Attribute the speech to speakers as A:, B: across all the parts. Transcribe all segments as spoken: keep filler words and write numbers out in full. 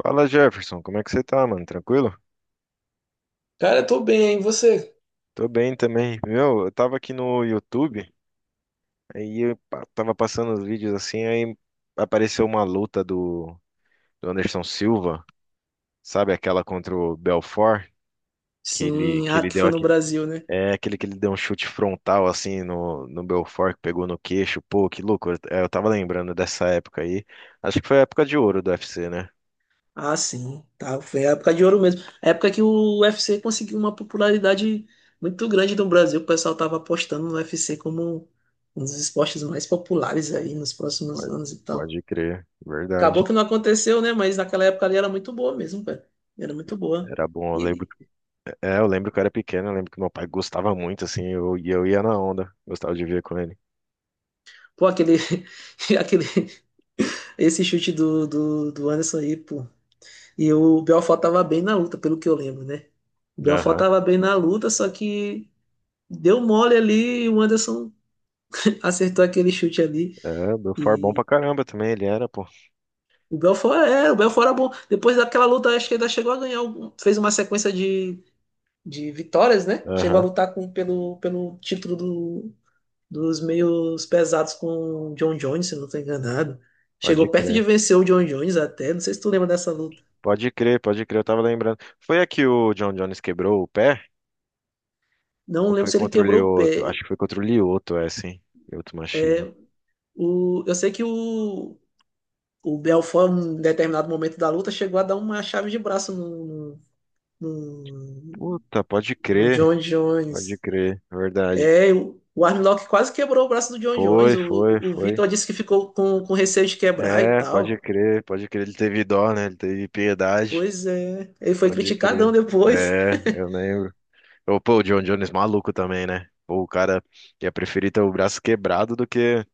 A: Fala Jefferson, como é que você tá, mano? Tranquilo?
B: Cara, eu tô bem, hein? E você?
A: Tô bem também. Meu, eu tava aqui no YouTube, aí eu pa- tava passando os vídeos assim, aí apareceu uma luta do, do Anderson Silva, sabe aquela contra o Belfort, que ele,
B: Sim,
A: que
B: ah,
A: ele
B: que
A: deu
B: foi no
A: aqui.
B: Brasil, né?
A: É aquele que ele deu um chute frontal assim no, no Belfort, que pegou no queixo. Pô, que loucura. É, eu tava lembrando dessa época aí. Acho que foi a época de ouro do U F C, né?
B: Ah, sim, tá, foi a época de ouro mesmo. A época que o U F C conseguiu uma popularidade muito grande no Brasil, o pessoal tava apostando no U F C como um dos esportes mais populares aí nos próximos
A: Pode,
B: anos e tal.
A: pode crer,
B: Acabou
A: verdade.
B: que não aconteceu, né? Mas naquela época ali era muito boa mesmo, cara. Era muito boa.
A: Era bom, eu lembro.
B: E,
A: É, eu lembro que eu era pequeno, eu lembro que meu pai gostava muito, assim, eu- e eu ia na onda, gostava de ver com ele.
B: pô, aquele, aquele, esse chute do, do, do Anderson aí, pô. E o Belfort tava bem na luta, pelo que eu lembro, né? O Belfort
A: Aham.
B: tava bem na luta, só que deu mole ali e o Anderson acertou aquele chute ali.
A: É, do Far bom
B: E
A: pra caramba também, ele era, pô.
B: o Belfort, é, o Belfort era bom. Depois daquela luta, acho que ainda chegou a ganhar, algum- fez uma sequência de, de vitórias, né? Chegou a
A: Aham,
B: lutar com, pelo, pelo título do, dos meios pesados com o John Jones, se eu não tô enganado. Chegou
A: pode
B: perto de
A: crer.
B: vencer o John Jones até, não sei se tu lembra dessa luta.
A: Pode crer, pode crer, eu tava lembrando. Foi aqui o John Jones quebrou o pé?
B: Não
A: Ou
B: lembro
A: foi
B: se ele
A: contra o
B: quebrou o
A: Lioto?
B: pé.
A: Acho que foi contra o Lioto, é, sim. Lioto machina.
B: É, O, eu sei que o, o Belfort, em determinado momento da luta, chegou a dar uma chave de braço no, no,
A: Puta, pode
B: no
A: crer,
B: John
A: pode
B: Jones.
A: crer, verdade.
B: É, o, o Armlock quase quebrou o braço do John Jones.
A: Foi,
B: O,
A: foi,
B: o
A: foi.
B: Vitor disse que ficou com, com receio de quebrar e
A: É, pode
B: tal.
A: crer, pode crer, ele teve dó, né? Ele teve piedade,
B: Pois é, ele foi
A: pode
B: criticadão
A: crer.
B: depois.
A: É, eu lembro. Ô, pô, o John Jones maluco também, né? Pô, o cara ia preferir ter o braço quebrado do que,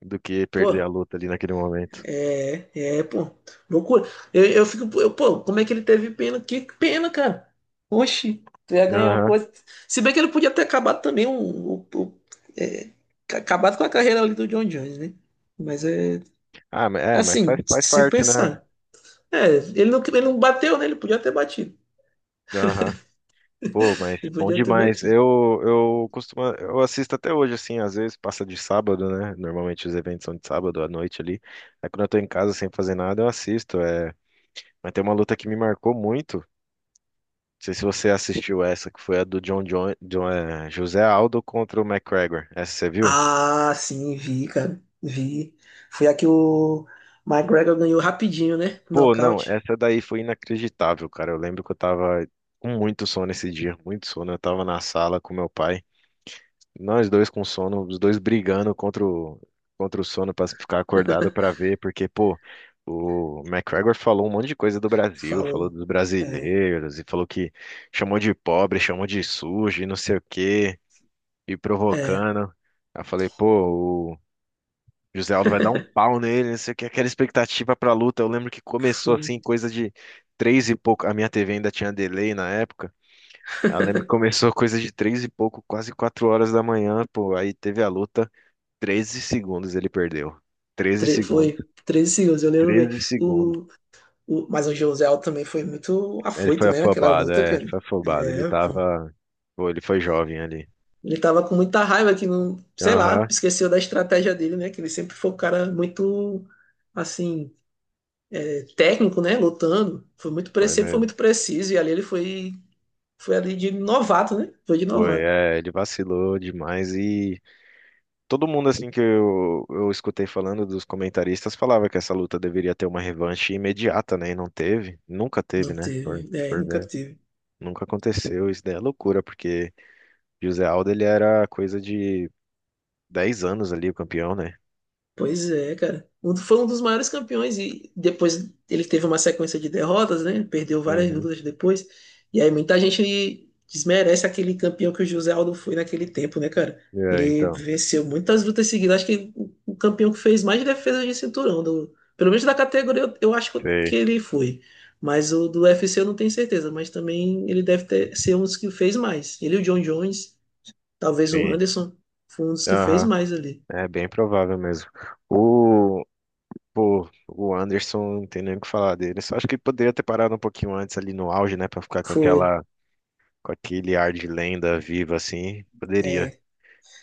A: do que
B: Pô.
A: perder a luta ali naquele momento.
B: É, é, Pô. Loucura. Eu, eu fico, eu, pô, como é que ele teve pena? Que pena, cara. Oxi, tu ia ganhar uma
A: Aham.
B: coisa. Se bem que ele podia ter acabado também um, um- um- é, acabado com a carreira ali do John Jones, né? Mas é
A: Ah, mas é, mas faz,
B: assim,
A: faz
B: se
A: parte, né?
B: pensar. É, ele não, ele não bateu, né? Ele podia ter batido.
A: Aham. Pô, mas
B: Ele
A: bom
B: podia ter
A: demais.
B: batido.
A: Eu, eu costumo, eu assisto até hoje, assim, às vezes passa de sábado, né? Normalmente os eventos são de sábado à noite ali. Aí quando eu tô em casa sem fazer nada, eu assisto. É. Mas tem uma luta que me marcou muito. Não sei se você assistiu essa, que foi a do John, John, John- é, José Aldo contra o McGregor. Essa você viu?
B: Ah, sim, vi, cara. Vi. Foi aqui o McGregor ganhou rapidinho, né?
A: Pô, não,
B: Nocaute.
A: essa daí foi inacreditável, cara. Eu lembro que eu tava com muito sono esse dia, muito sono. Eu tava na sala com meu pai, nós dois com sono, os dois brigando contra o, contra o sono pra ficar acordado pra ver, porque, pô, o McGregor falou um monte de coisa do Brasil, falou
B: Falou.
A: dos
B: É,
A: brasileiros e falou que chamou de pobre, chamou de sujo e não sei o quê, e
B: é.
A: provocando. Aí eu falei, pô, José Aldo vai dar um pau nele, não sei o que, aquela expectativa pra luta. Eu lembro que começou assim, coisa de três e pouco. A minha T V ainda tinha delay na época. Eu lembro que começou coisa de três e pouco, quase quatro horas da manhã, pô. Aí teve a luta, treze segundos ele perdeu. treze
B: Tre-
A: segundos,
B: Foi treze segundos, eu lembro bem.
A: treze segundos.
B: O, o, mas o José Josel também foi muito
A: Ele foi
B: afoito, né? Aquela
A: afobado,
B: luta,
A: é, ele
B: cara.
A: foi afobado. Ele
B: É, pô.
A: tava. Pô, ele foi jovem ali.
B: Ele tava com muita raiva que não, sei lá,
A: Aham,
B: esqueceu da estratégia dele, né? Que ele sempre foi um cara muito, assim, técnico, né? Lutando. Foi muito, pre-
A: foi
B: sempre foi
A: mesmo.
B: muito preciso. E ali ele foi, foi ali de novato, né? Foi de
A: Foi,
B: novato.
A: é, ele vacilou demais. E todo mundo assim que eu, eu escutei falando dos comentaristas falava que essa luta deveria ter uma revanche imediata, né? E não teve, nunca
B: Não
A: teve, né? Por,
B: teve, é,
A: por
B: nunca
A: ver.
B: teve.
A: Nunca aconteceu, isso daí é loucura, porque José Aldo ele era coisa de dez anos ali, o campeão, né?
B: Pois é, cara. Um, foi um dos maiores campeões e depois ele teve uma sequência de derrotas, né? Perdeu várias
A: Uhum.
B: lutas depois. E aí muita gente desmerece aquele campeão que o José Aldo foi naquele tempo, né, cara?
A: É,
B: Ele
A: então,
B: venceu muitas lutas seguidas. Acho que o o campeão que fez mais defesa de cinturão, do- pelo menos da categoria, eu, eu acho que
A: sei,
B: ele foi. Mas o do U F C eu não tenho certeza, mas também ele deve ter, ser um dos que fez mais. Ele e o John Jones, talvez o
A: sim.
B: Anderson, foi um dos que fez
A: Aham.
B: mais ali.
A: É bem provável mesmo. O, pô, o Anderson, não tem nem o que falar dele. Só acho que poderia ter parado um pouquinho antes ali no auge, né? Pra ficar com
B: Foi.
A: aquela com aquele ar de lenda viva assim, poderia.
B: É,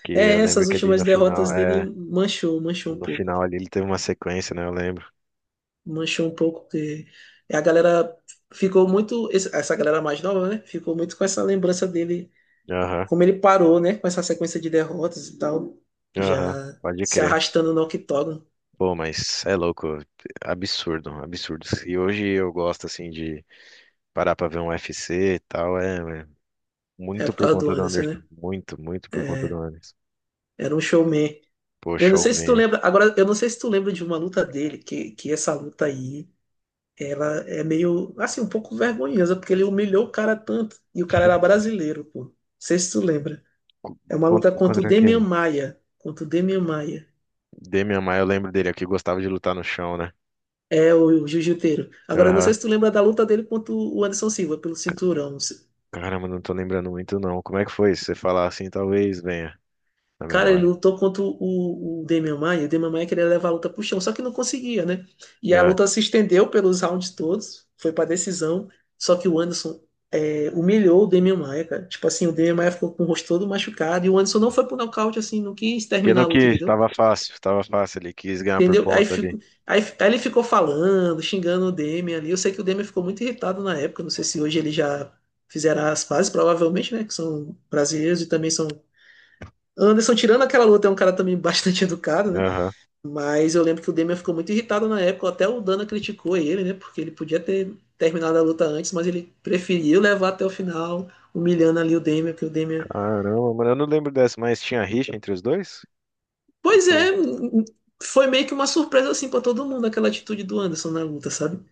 A: Que eu
B: É,
A: lembro
B: essas
A: que ali no
B: últimas
A: final,
B: derrotas dele
A: é,
B: manchou, manchou um
A: no
B: pouco.
A: final ali ele teve uma sequência, né? Eu lembro.
B: Manchou um pouco, porque a galera ficou muito. esse- Essa galera mais nova, né? Ficou muito com essa lembrança dele,
A: Aham,
B: como ele parou, né? Com essa sequência de derrotas e tal,
A: aham,
B: já
A: pode
B: se
A: crer.
B: arrastando no octógono.
A: Pô, mas é louco, absurdo, absurdo. E hoje eu gosto assim de parar pra ver um U F C e tal, é, é
B: É
A: muito
B: por
A: por
B: causa do
A: conta do
B: Anderson,
A: Anderson,
B: né?
A: muito, muito por conta do
B: É,
A: Anderson.
B: era um showman.
A: Pô,
B: Eu não sei se tu
A: showman.
B: lembra. Agora, eu não sei se tu lembra de uma luta dele, que, que essa luta aí, ela é meio, assim, um pouco vergonhosa, porque ele humilhou o cara tanto. E o cara era brasileiro, pô. Não sei se tu lembra.
A: Co-
B: É uma
A: Contra,
B: luta contra o
A: contra
B: Demian
A: quem?
B: Maia. Contra o Demian Maia.
A: Demian Maia, eu lembro dele aqui, gostava de lutar no chão, né?
B: É o, o jiu-jiteiro. Agora, eu não sei
A: Aham.
B: se tu lembra da luta dele contra o Anderson Silva, pelo cinturão. Não sei.
A: Caramba, não tô lembrando muito não. Como é que foi? Se você falar assim, talvez venha na
B: Cara, ele
A: memória.
B: lutou contra o, o Demian Maia. O Demian Maia queria levar a luta pro chão, só que não conseguia, né? E a
A: Ah,
B: luta se estendeu pelos rounds todos. Foi pra decisão. Só que o Anderson é, humilhou o Demian Maia, cara. Tipo assim, o Demian Maia ficou com o rosto todo machucado. E o Anderson não foi pro nocaute, assim, não quis
A: porque
B: terminar a
A: não
B: luta,
A: quis,
B: entendeu?
A: tava fácil, tava fácil ali, quis ganhar por
B: Entendeu? Aí,
A: ponta
B: fico,
A: ali.
B: aí, aí ele ficou falando, xingando o Demian ali. Eu sei que o Demian ficou muito irritado na época. Não sei se hoje ele já fizeram as pazes, provavelmente, né? Que são brasileiros e também são. Anderson, tirando aquela luta, é um cara também bastante educado, né?
A: Aham.
B: Mas eu lembro que o Demian ficou muito irritado na época. Até o Dana criticou ele, né? Porque ele podia ter terminado a luta antes, mas ele preferiu levar até o final, humilhando ali o Demian, que o Demian.
A: Caramba, mano, eu não lembro dessa, mas tinha rixa entre os dois? Qual que
B: Pois
A: foi?
B: é,
A: o-
B: foi meio que uma surpresa assim pra todo mundo aquela atitude do Anderson na luta, sabe?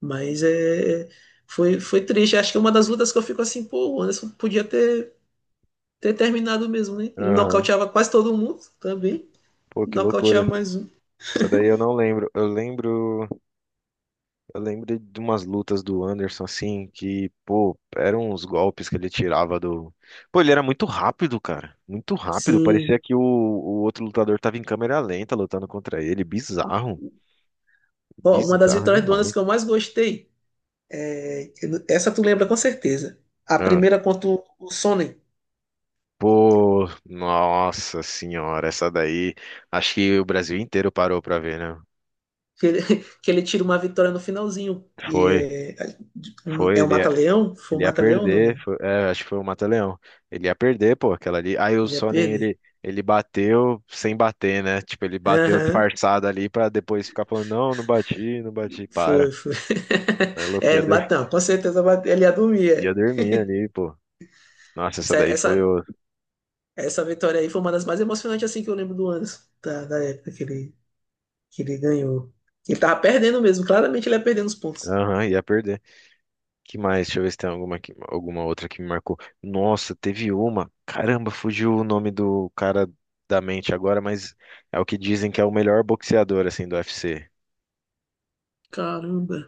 B: Mas é, foi, foi triste. Acho que é uma das lutas que eu fico assim, pô, o Anderson podia ter, ter terminado mesmo, né? Ele
A: Aham.
B: nocauteava quase todo mundo também.
A: Pô, que loucura.
B: Nocauteava mais um.
A: Essa daí eu não lembro. Eu lembro, eu lembro de umas lutas do Anderson assim, que, pô, eram uns golpes que ele tirava do. Pô, ele era muito rápido, cara. Muito rápido. Parecia
B: Sim.
A: que o, o outro lutador tava em câmera lenta lutando contra ele. Bizarro.
B: Ó, uma das
A: Bizarro
B: vitórias do Anderson
A: demais.
B: que eu mais gostei. é, essa tu lembra com certeza. A
A: Ah,
B: primeira contra o o Sonnen,
A: pô, nossa senhora, essa daí. Acho que o Brasil inteiro parou pra ver, né?
B: que ele, que ele tira uma vitória no finalzinho.
A: Foi,
B: E é, um-
A: foi,
B: é o
A: ele ia,
B: Mata-Leão? Foi o
A: ele ia
B: Mata-Leão? Não
A: perder.
B: lembro.
A: Foi- é, acho que foi o Mata-Leão. Ele ia perder, pô, aquela ali. Aí o
B: Ele ia
A: Sonnen,
B: perder.
A: ele, ele bateu sem bater, né? Tipo, ele bateu
B: Aham.
A: disfarçado ali pra depois ficar falando: não, não bati, não bati, para.
B: Foi, foi.
A: Aí o louco
B: É,
A: ia,
B: ele
A: dor-
B: bateu, com certeza bateu, ele ia dormir.
A: Ia
B: É.
A: dormir ali, pô. Nossa, essa
B: Essa
A: daí foi
B: Essa,
A: o.
B: essa vitória aí foi uma das mais emocionantes assim que eu lembro do Anderson, da, da época que ele, que ele ganhou. Ele tava perdendo mesmo, claramente ele ia perdendo os pontos.
A: Aham, ia perder. Que mais? Deixa eu ver se tem alguma, que- alguma outra que me marcou. Nossa, teve uma. Caramba, fugiu o nome do cara da mente agora, mas é o que dizem que é o melhor boxeador assim do U F C.
B: Caramba.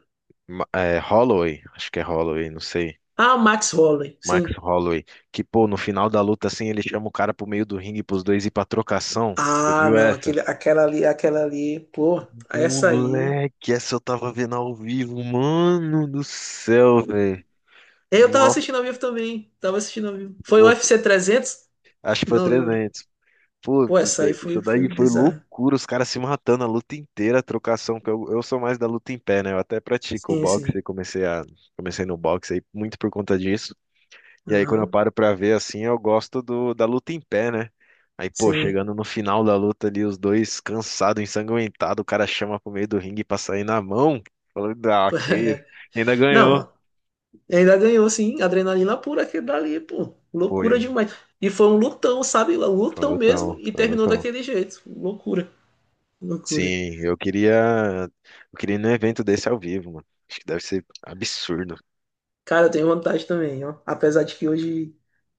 A: Ma- É, Holloway, acho que é Holloway, não sei.
B: Ah, o Max Holloway,
A: Max
B: sim.
A: Holloway, que pô, no final da luta assim, ele chama o cara pro meio do ringue pros dois ir pra trocação. Você
B: Ah,
A: viu
B: não,
A: essa?
B: aquele, aquela ali, aquela ali, pô, essa aí.
A: Moleque, essa eu tava vendo ao vivo, mano do céu, velho.
B: Eu tava
A: Nossa,
B: assistindo ao vivo também, tava assistindo ao vivo. Foi o UFC
A: essa-
B: trezentos
A: acho que foi
B: Não lembro.
A: trezentos. Pô,
B: Pô,
A: isso
B: essa aí
A: daí,
B: foi,
A: isso daí
B: foi
A: foi
B: bizarra.
A: loucura, os caras se matando a luta inteira, a trocação, que eu, eu sou mais da luta em pé, né? Eu até pratico o
B: Sim,
A: boxe, e
B: sim.
A: comecei a, comecei no boxe aí muito por conta disso. E aí quando eu
B: Aham,
A: paro pra ver assim, eu gosto do, da luta em pé, né? Aí, pô,
B: sim.
A: chegando no final da luta ali, os dois cansados, ensanguentados, o cara chama pro meio do ringue pra sair na mão. Falou, ah, que isso. Ainda ganhou.
B: Não, e ainda ganhou, sim, adrenalina pura aquele dali, pô.
A: Pô,
B: Loucura
A: e-
B: demais. E foi um lutão, sabe? Um lutão
A: Falou
B: mesmo
A: tão,
B: e
A: falou
B: terminou
A: tão.
B: daquele jeito. Loucura, loucura.
A: Sim, eu queria. Eu queria ir num evento desse ao vivo, mano. Acho que deve ser absurdo.
B: Cara, eu tenho vontade também, ó. Apesar de que hoje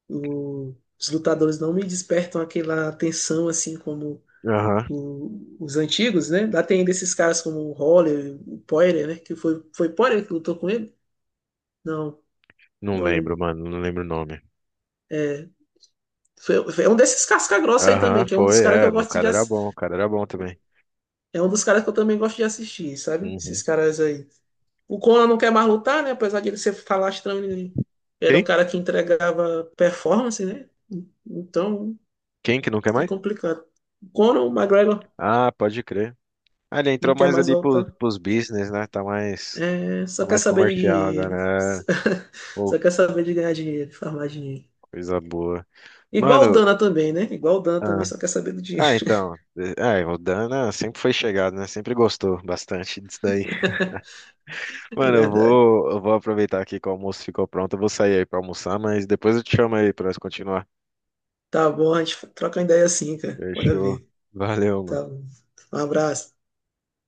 B: o- os lutadores não me despertam aquela atenção assim como
A: Aham.
B: o- os antigos, né? Lá tem desses caras como o Holler, o Poirier, né? Que foi, foi Poirier que lutou com ele? Não,
A: Não
B: não
A: lembro,
B: lembro.
A: mano. Não lembro o nome.
B: É, foi, foi um desses casca-grossa aí
A: Aham,
B: também, que é um
A: foi,
B: dos caras que
A: é.
B: eu
A: no- O
B: gosto de,
A: cara era
B: ass-
A: bom, o cara era bom também.
B: É um dos caras que eu também gosto de assistir, sabe?
A: Uhum.
B: Esses caras aí. O Conan não quer mais lutar, né? Apesar de ele ser falastrão, ele era um
A: Quem?
B: cara que entregava performance, né? Então
A: Quem que não quer
B: é
A: mais?
B: complicado. O Conan, o McGregor,
A: Ah, pode crer. Ah, ele entrou
B: não quer
A: mais
B: mais
A: ali pros,
B: voltar.
A: pros business, né? Tá mais,
B: É,
A: tá
B: só quer
A: mais
B: saber de
A: comercial
B: dinheiro.
A: agora. É. Pô,
B: Só quer saber de ganhar dinheiro, de farmar dinheiro.
A: coisa boa.
B: Igual o
A: Mano,
B: Dana também, né? Igual o Dana também
A: ah,
B: só quer saber do dinheiro.
A: ah, então. eh, Ah, o Dana sempre foi chegado, né? Sempre gostou bastante disso daí.
B: É
A: Mano, eu
B: verdade.
A: vou, eu vou aproveitar aqui que o almoço ficou pronto. Eu vou sair aí pra almoçar, mas depois eu te chamo aí pra nós continuar.
B: Tá bom, a gente troca uma ideia assim, cara. Bora
A: Fechou.
B: ver.
A: Valeu, mano.
B: Tá bom. Um abraço.